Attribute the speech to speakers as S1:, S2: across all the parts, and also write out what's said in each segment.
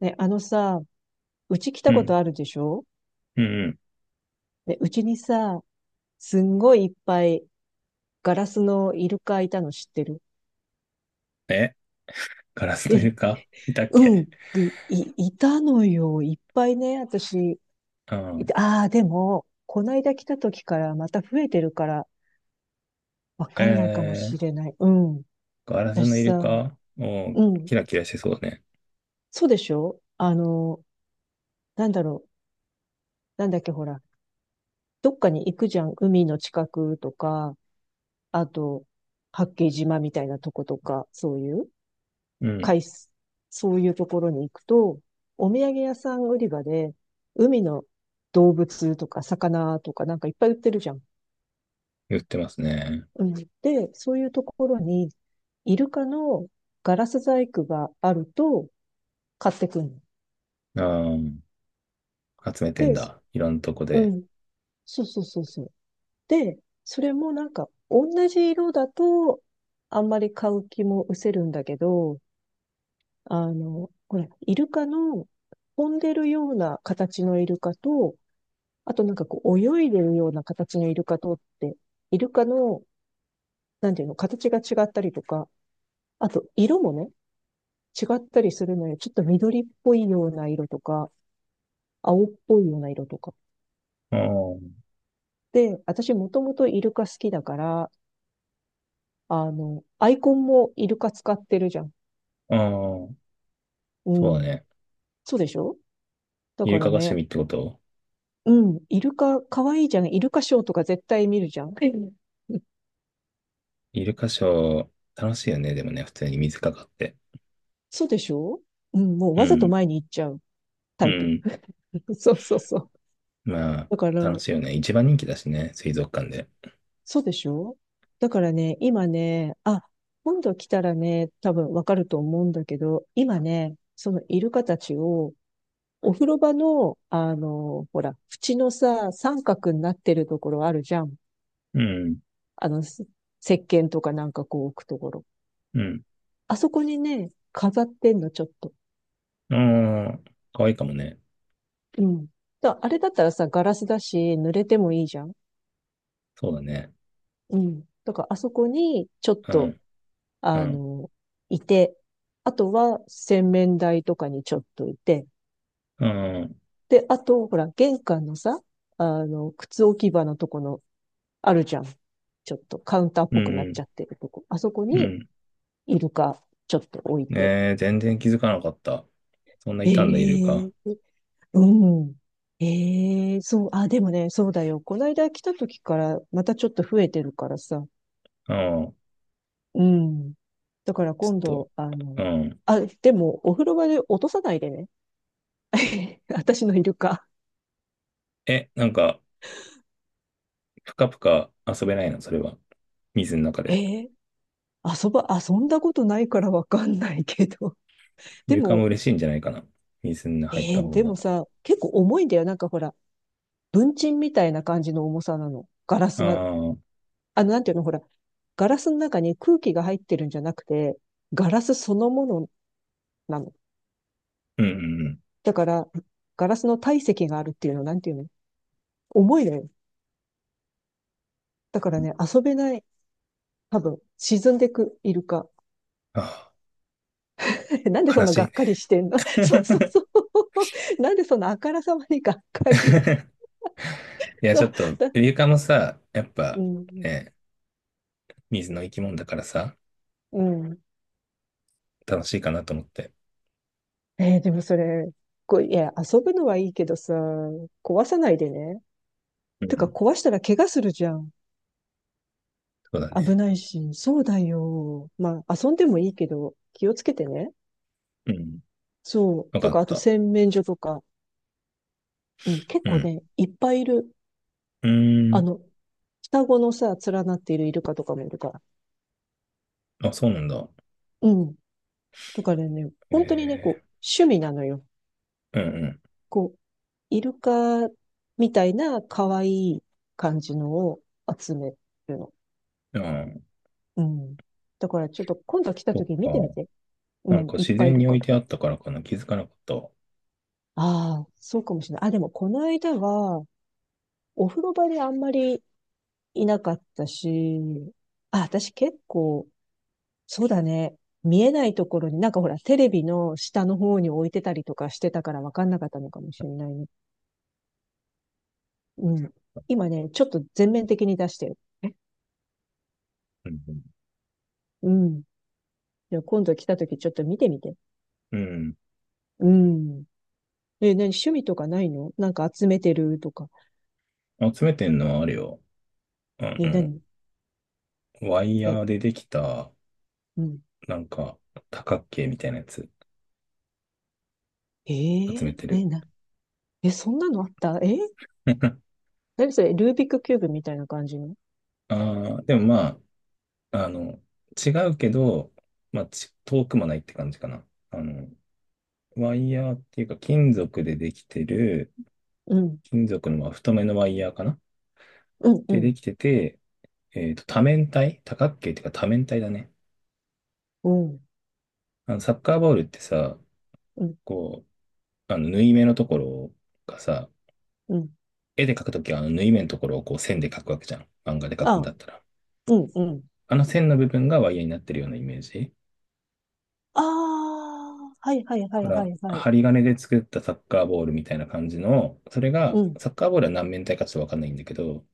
S1: ね、あのさ、うち来
S2: う
S1: たこと
S2: ん、
S1: あるでしょ？
S2: うん、う
S1: で、うちにさ、すんごいいっぱいガラスのイルカいたの知ってる？
S2: ん。え、ガラスのイ
S1: え、
S2: ルカいたっ
S1: うん、
S2: け。
S1: いたのよ。いっぱいね、私。
S2: うん。
S1: ああ、でも、こないだ来た時からまた増えてるから、わ
S2: え
S1: かんないかも
S2: ー、
S1: しれない。うん。
S2: ガラスの
S1: 私
S2: イル
S1: さ、
S2: カおー
S1: うん。
S2: キラキラしてそうね。
S1: そうでしょ？あの、なんだろう。なんだっけ、ほら。どっかに行くじゃん。海の近くとか、あと、八景島みたいなとことか、そういう。
S2: うん、
S1: 海す、そういうところに行くと、お土産屋さん売り場で、海の動物とか魚とかなんかいっぱい売ってるじゃん。
S2: 言ってますね。
S1: うん。で、そういうところに、イルカのガラス細工があると買ってくんの。
S2: ああ、集めてん
S1: で、そ
S2: だ。いろんなとこ
S1: う
S2: で。
S1: ん。そうそうそうそう。で、それもなんか同じ色だとあんまり買う気も失せるんだけど、ほら、イルカの飛んでるような形のイルカとあとなんかこう泳いでるような形のイルカとって、イルカの、なんていうの、形が違ったりとか、あと色もね、違ったりするのよ。ちょっと緑っぽいような色とか、青っぽいような色とか。
S2: ああ、
S1: で、私もともとイルカ好きだから、アイコンもイルカ使ってるじゃん。
S2: ああ、
S1: う
S2: そうだ
S1: ん。
S2: ね。
S1: そうでしょ？だ
S2: イル
S1: から
S2: カが趣
S1: ね、
S2: 味ってこと？
S1: うん、イルカ可愛いじゃん。イルカショーとか絶対見るじゃん。うん
S2: イルカショー、楽しいよね。でもね、普通に水かかって。
S1: そうでしょ？うん、もう
S2: う
S1: わざと
S2: ん、
S1: 前に行っちゃう
S2: う
S1: タイプ。
S2: ん。
S1: そうそうそう。
S2: まあ、
S1: だから、
S2: 楽しいよね。一番人気だしね、水族館で。
S1: そうでしょ？だからね、今ね、あ、今度来たらね、多分わかると思うんだけど、今ね、そのイルカたちを、お風呂場の、ほら、縁のさ、三角になってるところあるじゃん。
S2: うん、
S1: あの、す石鹸とかなんかこう置くところ。
S2: うん。
S1: あそこにね、飾ってんの、ちょっと。
S2: ああ、可愛いかもね。
S1: うん。あれだったらさ、ガラスだし、濡れてもいいじゃん。
S2: そうだね。
S1: うん。だから、あそこに、ちょっ
S2: う
S1: と、
S2: んう
S1: あ
S2: ん。
S1: の、いて、あとは洗面台とかにちょっといて、
S2: うん。
S1: で、あと、ほら、玄関のさ、靴置き場のとこの、あるじゃん。ちょっとカウンターっ
S2: う
S1: ぽくなっ
S2: ん。
S1: ちゃ
S2: う
S1: ってるとこ。あそこ
S2: ん。う
S1: に、
S2: ん。
S1: イルカ、ちょっと置いて。
S2: ねえ、全然気づかなかった。そんな
S1: え
S2: いたんだ、イルカ。
S1: え、うん。ええ、そう、あ、でもね、そうだよ。この間来た時から、またちょっと増えてるからさ。
S2: うん。
S1: うん。だから
S2: ち
S1: 今
S2: ょっと。
S1: 度、あの、
S2: うん。
S1: あ、でも、お風呂場で落とさないでね。私のイルカ。
S2: え、なんか、ぷかぷか遊べないの、それは。水の中
S1: え
S2: で。
S1: ー遊んだことないからわかんないけど。
S2: イ
S1: で
S2: ルカも
S1: も、
S2: 嬉しいんじゃないかな。水に入った方
S1: で
S2: が。
S1: もさ、結構重いんだよ。なんかほら、文鎮みたいな感じの重さなの。ガラ
S2: あ
S1: スが、
S2: あ、うん
S1: なんていうの、ほら、ガラスの中に空気が入ってるんじゃなくて、ガラスそのものなの。
S2: うんうん。
S1: だから、ガラスの体積があるっていうの、なんていうの、重いのよ。だからね、遊べない。多分、沈んでくイルカ。
S2: あ
S1: え、なんで
S2: あ、
S1: そ
S2: 悲
S1: んな
S2: し
S1: が
S2: いね。
S1: っかりしてんの？ そうそう そう。なんでそんなあからさまにがっかり。
S2: いや、
S1: そ
S2: ちょ
S1: う。
S2: っと、
S1: だ
S2: イルカもさ、やっ
S1: う
S2: ぱ、
S1: ん。
S2: ね、水の生き物だからさ、
S1: うん。
S2: 楽しいかなと思って。
S1: でもそれ、こう、いや、遊ぶのはいいけどさ、壊さないでね。
S2: う
S1: てか、
S2: ん。
S1: 壊したら怪我するじゃん。
S2: そうだ
S1: 危
S2: ね。
S1: ないし。そうだよ。まあ、遊んでもいいけど、気をつけてね。
S2: うん。
S1: そう。
S2: よ
S1: と
S2: かっ
S1: か、あと
S2: た。
S1: 洗面所とか。うん、結
S2: う
S1: 構
S2: ん。
S1: ね、いっぱいいる。
S2: うー
S1: あ
S2: ん。
S1: の、双子のさ、連なっているイルカとかもいるから。
S2: あ、そうなんだ。
S1: うん。とかね、本当にね、こう、
S2: え
S1: 趣味なのよ。
S2: ー、うん
S1: こう、イルカみたいな可愛い感じのを集めるの。
S2: うん。ああ、
S1: うん。だからちょっと今度来た
S2: そっ
S1: 時見てみ
S2: か。
S1: て。う
S2: なん
S1: ん、
S2: か
S1: いっ
S2: 自
S1: ぱいい
S2: 然
S1: る
S2: に置
S1: か
S2: い
S1: ら。
S2: てあったからかな。気づかなかったわ。
S1: ああ、そうかもしれない。あ、でもこの間は、お風呂場であんまりいなかったし、あ、私結構、そうだね。見えないところに、なんかほら、テレビの下の方に置いてたりとかしてたから分かんなかったのかもしれないね。うん。今ね、ちょっと全面的に出してる。え、
S2: うん
S1: うん。じゃあ今度来た時ちょっと見てみて。
S2: うん。
S1: うん。え、何趣味とかないの？なんか集めてるとか。
S2: うん。集めてんのはあれよ。あ
S1: え、
S2: の
S1: 何？
S2: ワイヤ
S1: え、
S2: ーでできた、
S1: うん。
S2: なんか、多角形みたいなやつ
S1: え
S2: 集め
S1: ー、
S2: て
S1: ね、
S2: る。
S1: な、え、そんなのあった？何それ、ルービックキューブみたいな感じの？
S2: ああ、でもまあ、違うけど、まあ、遠くもないって感じかな。ワイヤーっていうか、金属でできてる、
S1: うん。
S2: 金属のまあ太めのワイヤーかな。
S1: うん、う
S2: で、で
S1: ん。
S2: きてて、多面体多角形っていうか多面体だね。
S1: うん、
S2: サッカーボールってさ、
S1: うん、
S2: こう、縫い目のところがさ、
S1: うん。
S2: 絵で描くときはあの縫い目のところをこう線で描くわけじゃん。漫画で描くん
S1: あ、
S2: だったら。
S1: うん、うん。
S2: あの線の部分がワイヤーになってるようなイメージ。
S1: ああ、はいはいはい
S2: か
S1: は
S2: ら、
S1: いはい。
S2: 針金で作ったサッカーボールみたいな感じの、それが、
S1: うん、
S2: サッカーボールは何面体かちょっとわかんないんだけど、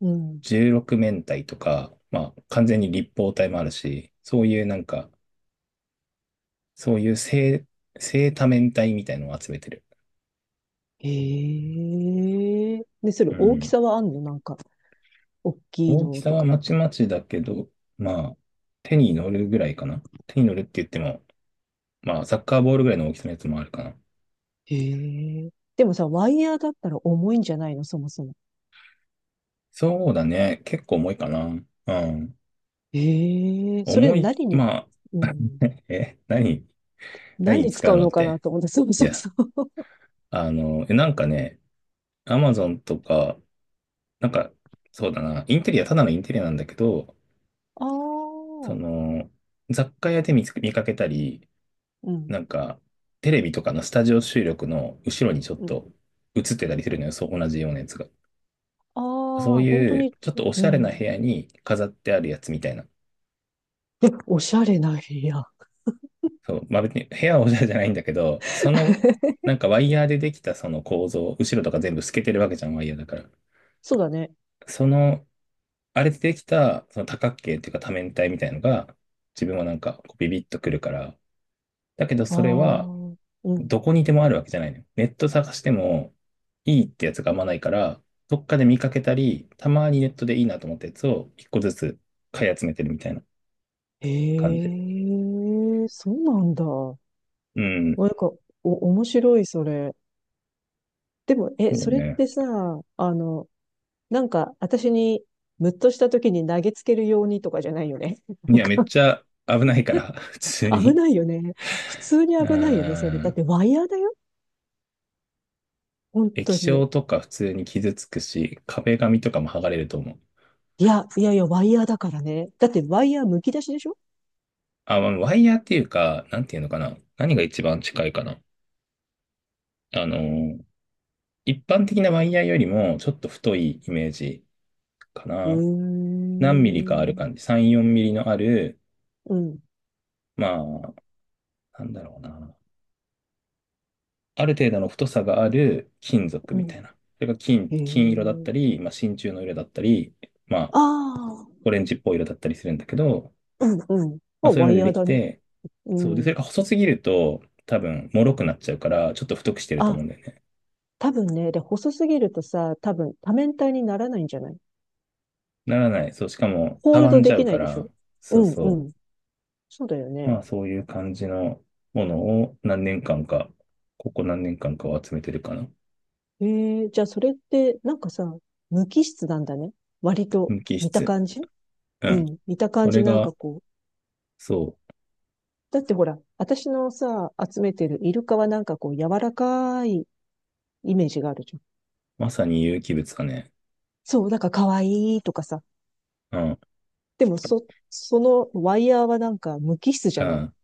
S1: うん。
S2: 16面体とか、まあ、完全に立方体もあるし、そういうなんか、そういう正多面体みたいのを集めてる。
S1: へえ。で、それ
S2: う
S1: 大き
S2: ん。
S1: さはあんの？なんか、大きい
S2: 大き
S1: の
S2: さ
S1: と
S2: は
S1: か。
S2: まちまちだけど、まあ、手に乗るぐらいかな。手に乗るって言っても、まあ、サッカーボールぐらいの大きさのやつもあるかな。
S1: へえ。でもさ、ワイヤーだったら重いんじゃないの？そもそも。
S2: そうだね。結構重いかな。うん。
S1: ええ、それ
S2: 重い、
S1: 何に、
S2: まあ、
S1: うん、
S2: え、何、何
S1: 何
S2: に
S1: に
S2: 使
S1: 使
S2: う
S1: う
S2: のっ
S1: のかな
S2: て。
S1: と思って、そう
S2: い
S1: そう
S2: や、
S1: そう。
S2: なんかね、アマゾンとか、なんか、そうだな、インテリア、ただのインテリアなんだけど、
S1: あ
S2: そ
S1: あ、
S2: の、雑貨屋で見かけたり、
S1: うん、
S2: なんか、テレビとかのスタジオ収録の後ろにちょっ
S1: うん。
S2: と映ってたりするのよ、そう、同じようなやつが。
S1: あ
S2: そう
S1: あ、本当
S2: いう、
S1: に、
S2: ちょっとお
S1: う
S2: しゃれな部
S1: ん。
S2: 屋に飾ってあるやつみたいな。
S1: おしゃれな部屋。
S2: そう、まあ別に部屋はおしゃれじゃないんだけど、その、なんかワイヤーでできたその構造、後ろとか全部透けてるわけじゃん、ワイヤーだから。
S1: そうだね。
S2: その、あれでできた、その多角形っていうか多面体みたいのが、自分はなんかこうビビッとくるから、だけど
S1: あ
S2: それは、
S1: あ、うん。
S2: どこにでもあるわけじゃないのよ。ネット探してもいいってやつがあんまないから、どっかで見かけたり、たまにネットでいいなと思ったやつを一個ずつ買い集めてるみたいな感じ。
S1: ええ、そうなんだ。
S2: うん。
S1: なんか、面白い、それ。でも、え、
S2: そう
S1: それっ
S2: ね。
S1: てさ、なんか、私に、ムッとした時に投げつけるようにとかじゃないよね。
S2: いや、めっちゃ危ないから、普通
S1: 危
S2: に。
S1: ないよね。普通に
S2: う
S1: 危ないよね、それ。だっ
S2: ん。
S1: てワイヤーだよ？本
S2: 液
S1: 当
S2: 晶
S1: に。
S2: とか普通に傷つくし、壁紙とかも剥がれると思う。
S1: いや、いやいや、ワイヤーだからね。だってワイヤー剥き出しでしょ？
S2: あ、まあワイヤーっていうか、なんていうのかな。何が一番近いかな。あのー、一般的なワイヤーよりもちょっと太いイメージか
S1: う
S2: な。何ミリか
S1: ー
S2: ある
S1: ん。
S2: 感じ。3、4ミリのある、
S1: うん。
S2: まあ、なんだろうな。ある程度の太さがある金属
S1: う
S2: みた
S1: ん。
S2: いな。それが金、
S1: へ
S2: 金色だっ
S1: え。
S2: たり、まあ、真鍮の色だったり、まあ、
S1: ああ。
S2: オレンジっぽい色だったりするんだけど、
S1: うん。うん。
S2: ま
S1: ま
S2: あ、
S1: あ、
S2: そういう
S1: ワ
S2: の
S1: イ
S2: で
S1: ヤ
S2: で
S1: ー
S2: き
S1: だね。
S2: て、
S1: う
S2: そう。で、そ
S1: ん。
S2: れが細すぎると、多分、脆くなっちゃうから、ちょっと太くしてると
S1: あ、
S2: 思うんだよね。
S1: 多分ね。で、細すぎるとさ、多分多面体にならないんじゃない？
S2: ならない。そう。しかも、
S1: ホー
S2: た
S1: ル
S2: わ
S1: ド
S2: んじ
S1: で
S2: ゃ
S1: き
S2: う
S1: な
S2: か
S1: いでしょ？
S2: ら、
S1: う
S2: そう
S1: ん。う
S2: そ
S1: ん。そうだよ
S2: う。ま
S1: ね。
S2: あ、そういう感じのものを何年間か、ここ何年間かを集めてるかな。
S1: へえ。じゃあ、それって、なんかさ、無機質なんだね。割と、
S2: 無機
S1: 見た
S2: 質。
S1: 感じ。
S2: う
S1: う
S2: ん。
S1: ん。見た感
S2: そ
S1: じ
S2: れ
S1: なんか
S2: が、
S1: こう、
S2: そ
S1: だってほら、私のさ、集めてるイルカはなんかこう柔らかいイメージがあるじゃん。
S2: う、まさに有機物だね。
S1: そう、なんか可愛いとかさ。
S2: うん、
S1: でもそのワイヤーはなんか無機質じ
S2: う
S1: ゃない？
S2: ん。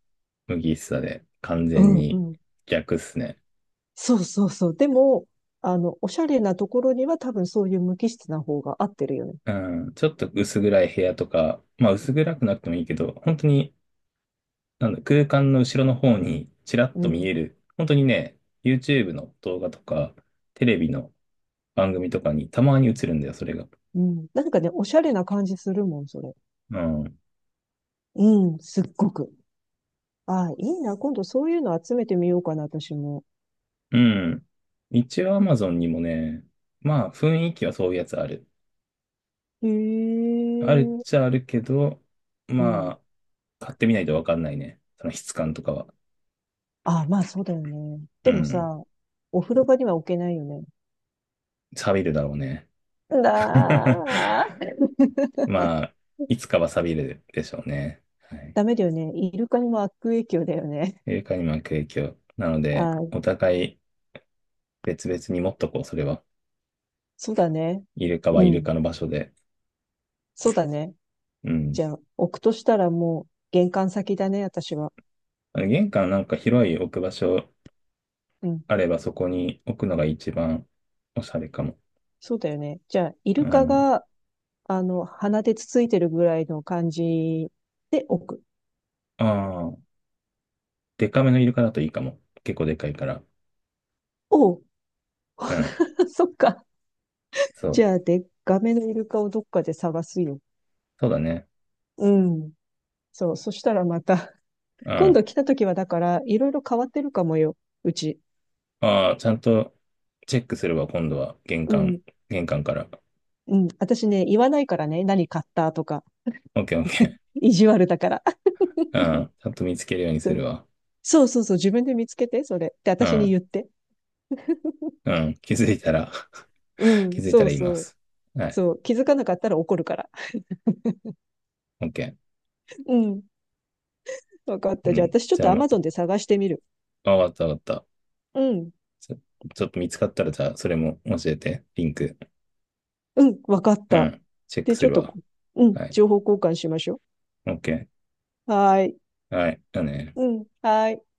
S2: 麦しさで、完
S1: う
S2: 全
S1: んう
S2: に
S1: ん。
S2: 逆っすね。
S1: そうそうそう。でも、おしゃれなところには多分そういう無機質な方が合ってるよね。
S2: うん、ちょっと薄暗い部屋とか、まあ薄暗くなくてもいいけど、本当に、なんだ、空間の後ろの方にちらっ
S1: う
S2: と見
S1: ん。
S2: える、本当にね、YouTube の動画とか、テレビの番組とかにたまに映るんだよ、それが。
S1: うん。なんかね、おしゃれな感じするもん、それ。
S2: うん。
S1: うん、すっごく。ああ、いいな。今度そういうの集めてみようかな、私も。
S2: うん。一応 Amazon にもね、まあ雰囲気はそういうやつある。
S1: へ
S2: ある
S1: え。
S2: っちゃあるけど、
S1: う
S2: ま
S1: ん。
S2: あ、買ってみないとわかんないね。その質感とかは。
S1: あ、まあそうだよね。
S2: う
S1: でも
S2: ん。
S1: さ、お風呂場には置けないよね。
S2: 錆びるだろうね。
S1: だ ー、
S2: まあ、いつかは錆びるでしょうね。はい。
S1: ダメだよね。イルカにも悪影響だよね。
S2: イルカに巻く影響。なので、
S1: あー、
S2: お互い別々に持っとこう、それは。
S1: そうだね。
S2: イルカは
S1: う
S2: イル
S1: ん。
S2: カの場所で。
S1: そうだね。
S2: うん。
S1: じゃあ、置くとしたらもう玄関先だね、私は。
S2: あの玄関なんか広い置く場所
S1: うん。
S2: あれば、そこに置くのが一番おしゃれかも。
S1: そうだよね。じゃあ、イ
S2: う
S1: ルカ
S2: ん。
S1: が、鼻でつついてるぐらいの感じで置く。
S2: ああ、デカめのイルカだといいかも。結構でかいから。
S1: おう、
S2: うん。
S1: そっか。
S2: そ
S1: じ
S2: う。
S1: ゃあ、でっかめのイルカをどっかで探すよ。
S2: そうだね。
S1: うん。そう、そしたらまた。
S2: う
S1: 今
S2: ん。
S1: 度来た時はだから、いろいろ変わってるかもよ、うち。
S2: ああ、ちゃんとチェックするわ、今度は。玄
S1: う
S2: 関、
S1: ん、
S2: 玄関から。
S1: うん。私ね、言わないからね、何買ったとか、
S2: オッケーオッケ
S1: 意地悪だから。
S2: ー。う ん。ちゃんと見つけるようにするわ。
S1: そうそうそうそう、自分で見つけて、それ。って
S2: う
S1: 私に
S2: ん。
S1: 言って。
S2: うん。気づいたら
S1: う
S2: 気
S1: ん、
S2: づいた
S1: そ
S2: ら
S1: う
S2: 言いま
S1: そう。
S2: す。はい。
S1: そう、気づかなかったら怒るから。
S2: オッケ
S1: うん、わかっ
S2: ー。う
S1: た。じゃあ
S2: ん。
S1: 私ちょっ
S2: じゃあ
S1: とア
S2: ま
S1: マ
S2: た。
S1: ゾンで探してみる。
S2: あ、わかったわかった。
S1: うん、
S2: ちょ、ちょっと見つかったら、じゃあ、それも教えて。リンク。
S1: うん、わかっ
S2: う
S1: た。
S2: ん。チェック
S1: で、ち
S2: す
S1: ょっ
S2: る
S1: と
S2: わ。
S1: こう、うん、
S2: はい。
S1: 情報交換しましょ
S2: オッケ
S1: う。はーい。
S2: ー。はい。だね。
S1: うん、はーい。